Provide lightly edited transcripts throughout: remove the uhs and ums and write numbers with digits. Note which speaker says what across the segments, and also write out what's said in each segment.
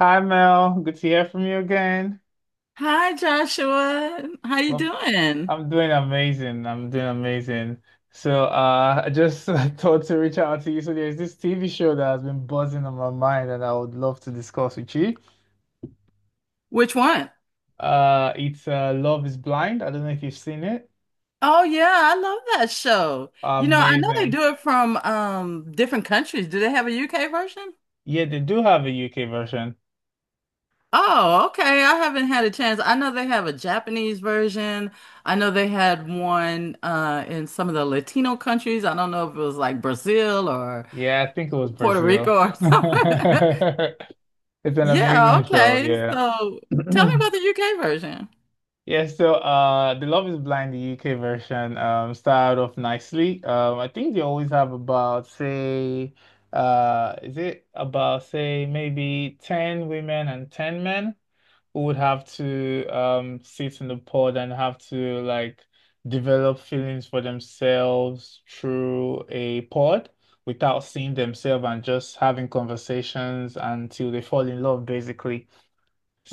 Speaker 1: Hi Mel, good to hear from you again.
Speaker 2: Hi Joshua. How you
Speaker 1: Well,
Speaker 2: doing?
Speaker 1: I'm doing amazing. I'm doing amazing. I just thought to reach out to you. So there's this TV show that has been buzzing on my mind and I would love to discuss with you.
Speaker 2: Which one?
Speaker 1: It's Love is Blind. I don't know if you've seen it.
Speaker 2: Oh yeah, I love that show. You know, I know they
Speaker 1: Amazing.
Speaker 2: do it from different countries. Do they have a UK version?
Speaker 1: Yeah, they do have a UK version.
Speaker 2: Oh, okay. I haven't had a chance. I know they have a Japanese version. I know they had one in some of the Latino countries. I don't know if it was like Brazil or
Speaker 1: Yeah, I think it was
Speaker 2: Puerto Rico
Speaker 1: Brazil.
Speaker 2: or something.
Speaker 1: It's an
Speaker 2: Yeah,
Speaker 1: amazing show.
Speaker 2: okay.
Speaker 1: Yeah.
Speaker 2: So tell me about the UK version.
Speaker 1: Yeah, so the Love is Blind, the UK version, started off nicely. I think they always have about say is it about say maybe 10 women and 10 men who would have to sit in the pod and have to like develop feelings for themselves through a pod without seeing themselves and just having conversations until they fall in love basically.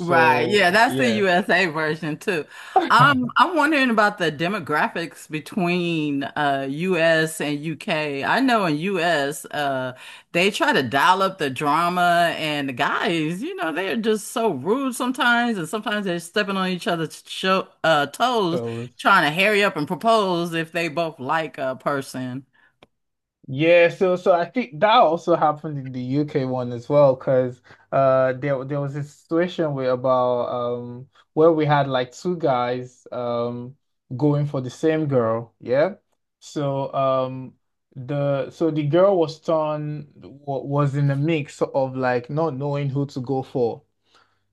Speaker 2: Right. Yeah, that's the
Speaker 1: yeah,
Speaker 2: USA version too. I'm wondering about the demographics between US and UK. I know in US, they try to dial up the drama and the guys, you know, they're just so rude sometimes and sometimes they're stepping on each other's toes
Speaker 1: so
Speaker 2: trying to hurry up and propose if they both like a person.
Speaker 1: yeah, so I think that also happened in the UK one as well, because there was a situation where about where we had like two guys going for the same girl, yeah. So um the so the girl was was in a mix of like not knowing who to go for.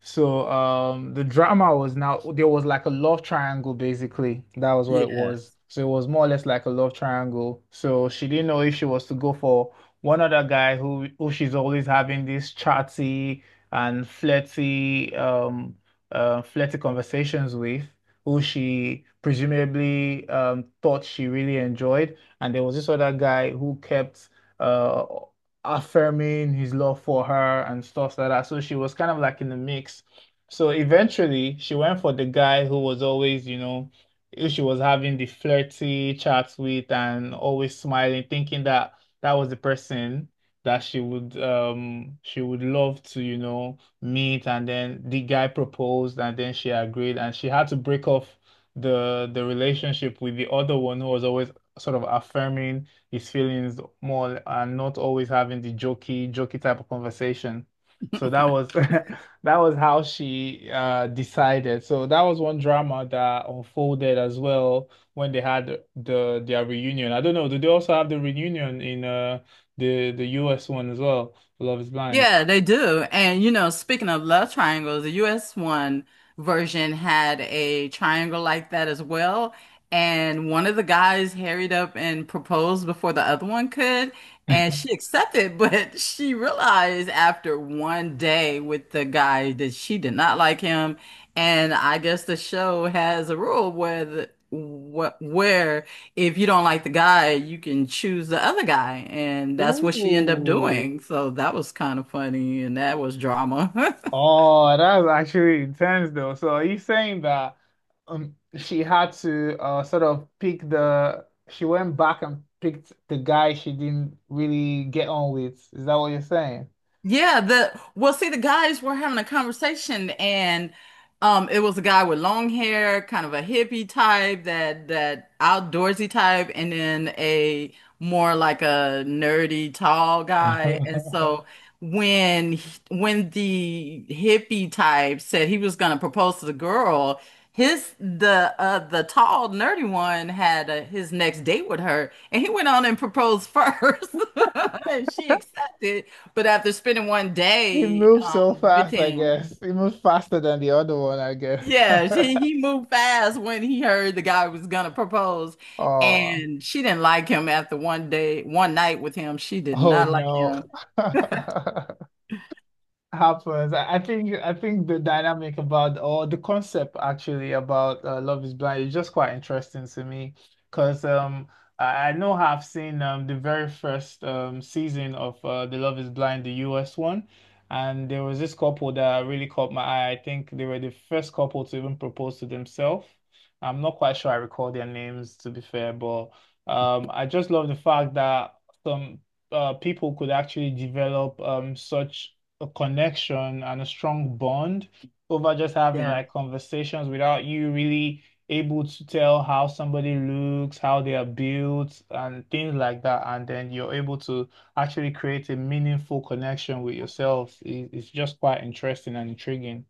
Speaker 1: The drama was now there was like a love triangle basically. That was what it
Speaker 2: Yeah.
Speaker 1: was. So it was more or less like a love triangle. So she didn't know if she was to go for one other guy who she's always having these chatty and flirty conversations with, who she presumably thought she really enjoyed. And there was this other guy who kept uh affirming his love for her and stuff like that. So she was kind of like in the mix. So eventually she went for the guy who was always, you know, who she was having the flirty chats with and always smiling, thinking that that was the person that she would love to, you know, meet. And then the guy proposed and then she agreed and she had to break off the relationship with the other one who was always sort of affirming his feelings more and not always having the jokey, jokey type of conversation. So that was that was how she decided. So that was one drama that unfolded as well when they had their reunion. I don't know, do they also have the reunion in the US one as well, Love is Blind?
Speaker 2: Yeah, they do. And you know, speaking of love triangles, the US one version had a triangle like that as well. And one of the guys harried up and proposed before the other one could. And she accepted, but she realized after 1 day with the guy that she did not like him. And I guess the show has a rule where the, wh where if you don't like the guy, you can choose the other guy. And that's what she ended up
Speaker 1: Ooh.
Speaker 2: doing. So that was kind of funny and that was drama.
Speaker 1: Oh, that's actually intense though. So are you saying that she had to sort of pick the she went back and picked the guy she didn't really get on with. Is that what you're saying?
Speaker 2: Yeah, the Well, see, the guys were having a conversation, and it was a guy with long hair, kind of a hippie type, that outdoorsy type, and then a more like a nerdy tall guy. And so when the hippie type said he was going to propose to the girl, his the tall nerdy one had his next date with her, and he went on and proposed first, and she accepted. But after spending one
Speaker 1: He
Speaker 2: day
Speaker 1: moves so
Speaker 2: with
Speaker 1: fast, I
Speaker 2: him,
Speaker 1: guess. He moves faster than the other one, I guess.
Speaker 2: he moved fast when he heard the guy was gonna propose,
Speaker 1: Oh,
Speaker 2: and she didn't like him after 1 day, one night with him. She did
Speaker 1: oh
Speaker 2: not like
Speaker 1: no.
Speaker 2: him.
Speaker 1: happens. I think I think the dynamic about or the concept actually about Love is Blind is just quite interesting to me because I know I've seen the very first season of the Love is Blind the US one and there was this couple that really caught my eye. I think they were the first couple to even propose to themselves. I'm not quite sure I recall their names to be fair, but I just love the fact that some people could actually develop such a connection and a strong bond over just having
Speaker 2: Yeah.
Speaker 1: like conversations without you really able to tell how somebody looks, how they are built, and things like that. And then you're able to actually create a meaningful connection with yourself. It- It's just quite interesting and intriguing.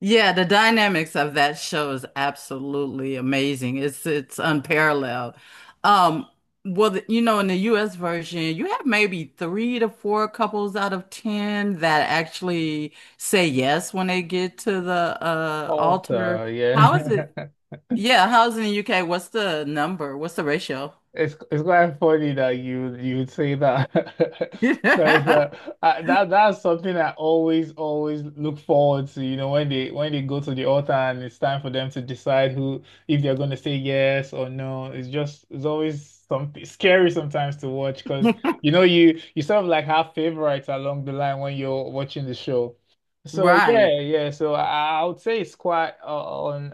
Speaker 2: Yeah, the dynamics of that show is absolutely amazing. It's unparalleled. Um, well, you know, in the US version, you have maybe three to four couples out of ten that actually say yes when they get to the altar.
Speaker 1: Author,
Speaker 2: How is
Speaker 1: yeah.
Speaker 2: it? Yeah, how's it in the UK? What's the number? What's the ratio?
Speaker 1: It's quite funny that you would say that because that that's something I always look forward to. You know, when they go to the altar and it's time for them to decide who if they're going to say yes or no. It's always something scary sometimes to watch because you know you sort of like have favorites along the line when you're watching the show. So
Speaker 2: Right.
Speaker 1: yeah, yeah. I would say it's quite on.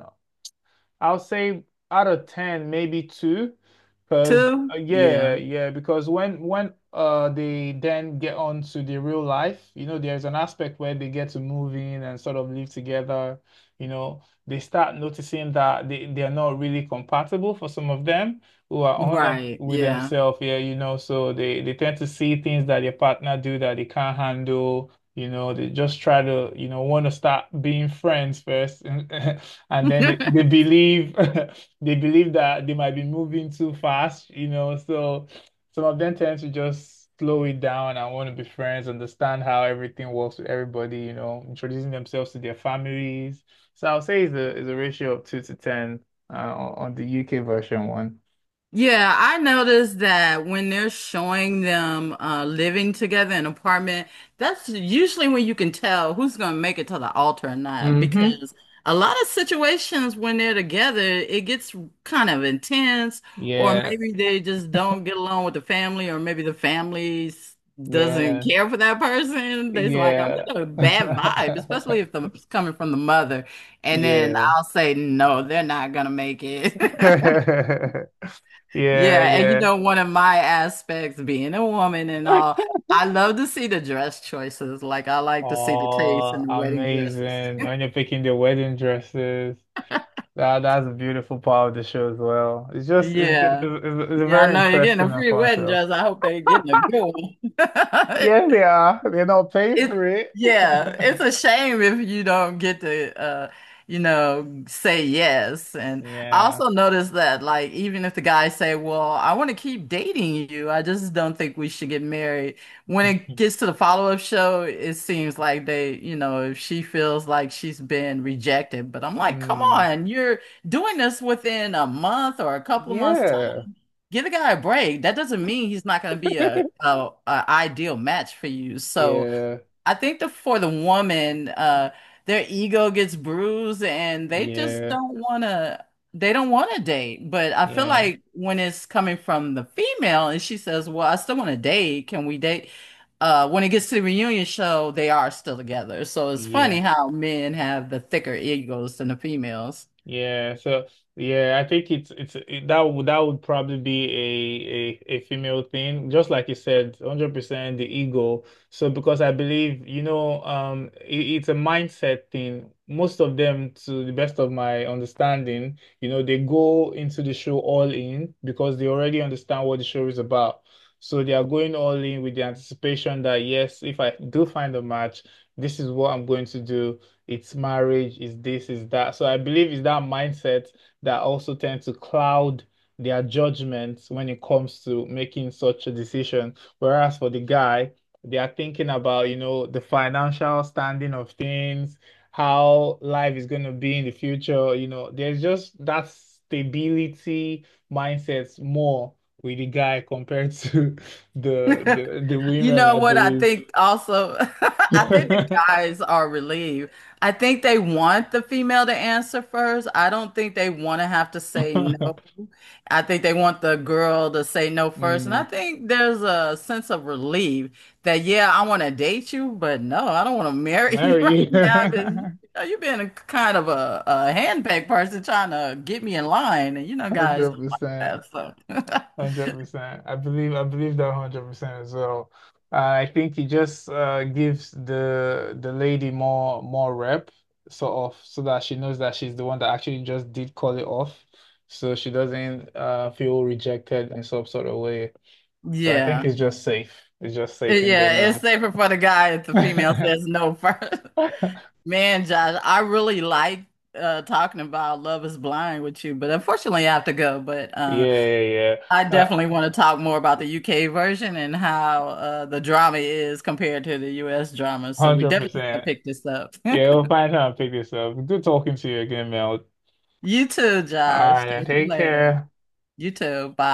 Speaker 1: I'll say out of 10, maybe two, because
Speaker 2: Two? Yeah.
Speaker 1: yeah, because when they then get on to the real life, you know, there's an aspect where they get to move in and sort of live together, you know, they start noticing that they're not really compatible for some of them who are honest
Speaker 2: Right.
Speaker 1: with
Speaker 2: Yeah.
Speaker 1: themselves, yeah, you know, so they tend to see things that their partner do that they can't handle. You know, they just try to, you know, want to start being friends first. And then they believe they believe that they might be moving too fast, you know. So some of them tend to just slow it down and want to be friends, understand how everything works with everybody, you know, introducing themselves to their families. So I'll say it's a ratio of two to ten on the UK version one.
Speaker 2: Yeah, I noticed that when they're showing them living together in an apartment, that's usually when you can tell who's going to make it to the altar or not.
Speaker 1: Hmm.
Speaker 2: Because a lot of situations when they're together, it gets kind of intense, or
Speaker 1: Yeah,
Speaker 2: maybe they just don't get along with the family, or maybe doesn't
Speaker 1: yeah,
Speaker 2: care for that person. They's like, I'm
Speaker 1: yeah.
Speaker 2: getting a bad vibe, especially if the, it's coming from the mother. And then
Speaker 1: Yeah.
Speaker 2: I'll say, no, they're not going to make it.
Speaker 1: Yeah,
Speaker 2: Yeah, and you
Speaker 1: yeah.
Speaker 2: know, one of my aspects being a woman and all, I love to see the dress choices. Like I like to see the taste in
Speaker 1: Oh,
Speaker 2: the wedding dresses.
Speaker 1: amazing. When you're picking the wedding dresses, that's a beautiful part of the show as well. It's just
Speaker 2: Yeah.
Speaker 1: It's a
Speaker 2: Yeah, I
Speaker 1: very
Speaker 2: know you're getting
Speaker 1: interesting
Speaker 2: a
Speaker 1: and
Speaker 2: free
Speaker 1: fun
Speaker 2: wedding
Speaker 1: show.
Speaker 2: dress. I hope they're getting a good one.
Speaker 1: Yeah, they are. They're not paying
Speaker 2: It
Speaker 1: for it.
Speaker 2: Yeah, it's a shame if you don't get to you know, say yes. And I
Speaker 1: Yeah.
Speaker 2: also noticed that like even if the guys say, "Well, I want to keep dating you. I just don't think we should get married." When it gets to the follow-up show, it seems like they, you know, if she feels like she's been rejected, but I'm like, "Come
Speaker 1: Mm.
Speaker 2: on, you're doing this within a month or a couple of months time.
Speaker 1: Yeah.
Speaker 2: Give the guy a break. That doesn't mean he's not going to be a ideal match for you." So
Speaker 1: Yeah.
Speaker 2: I think the for the woman, their ego gets bruised and they just
Speaker 1: Yeah.
Speaker 2: don't wanna they don't wanna date. But I feel
Speaker 1: Yeah.
Speaker 2: like when it's coming from the female and she says, well, I still wanna date, can we date? When it gets to the reunion show, they are still together. So it's funny
Speaker 1: Yeah.
Speaker 2: how men have the thicker egos than the females.
Speaker 1: Yeah, so yeah, I think that would probably be a female thing, just like you said, 100% the ego. So because I believe, you know, it's a mindset thing. Most of them, to the best of my understanding, you know, they go into the show all in because they already understand what the show is about. So they are going all in with the anticipation that yes, if I do find a match, this is what I'm going to do. It's marriage, it's this, it's that. So I believe it's that mindset that also tends to cloud their judgments when it comes to making such a decision. Whereas for the guy, they are thinking about, you know, the financial standing of things, how life is going to be in the future. You know, there's just that stability mindset more with the guy compared to the the the
Speaker 2: You
Speaker 1: women,
Speaker 2: know
Speaker 1: I
Speaker 2: what I
Speaker 1: believe.
Speaker 2: think also? I think the guys are relieved. I think they want the female to answer first. I don't think they want to have to say no. I think they want the girl to say no first. And
Speaker 1: Mm.
Speaker 2: I think there's a sense of relief that, yeah, I want to date you, but no, I don't want to marry you right
Speaker 1: Marry.
Speaker 2: now because you know, you've been a kind of a handpicked person trying to get me in line. And you know, guys
Speaker 1: Hundred
Speaker 2: don't like
Speaker 1: percent.
Speaker 2: that. So,
Speaker 1: 100%. I believe that 100% as well. I think he just gives the lady more rep sort of so that she knows that she's the one that actually just did call it off. So she doesn't feel rejected in some sort of way. But I think
Speaker 2: yeah.
Speaker 1: it's just safe. It's just safe in
Speaker 2: Yeah, it's
Speaker 1: general.
Speaker 2: safer for the guy if the female says no first. Man, Josh, I really like talking about Love is Blind with you, but unfortunately I have to go. But
Speaker 1: Yeah, yeah,
Speaker 2: I
Speaker 1: yeah.
Speaker 2: definitely want to talk more about the UK version and how the drama is compared to the US drama. So we definitely have to
Speaker 1: 100%.
Speaker 2: pick this up.
Speaker 1: Yeah, we'll find time and pick this up. Good talking to you again, Mel.
Speaker 2: You too,
Speaker 1: All
Speaker 2: Josh.
Speaker 1: right, now
Speaker 2: Talk to you
Speaker 1: take
Speaker 2: later.
Speaker 1: care.
Speaker 2: You too. Bye.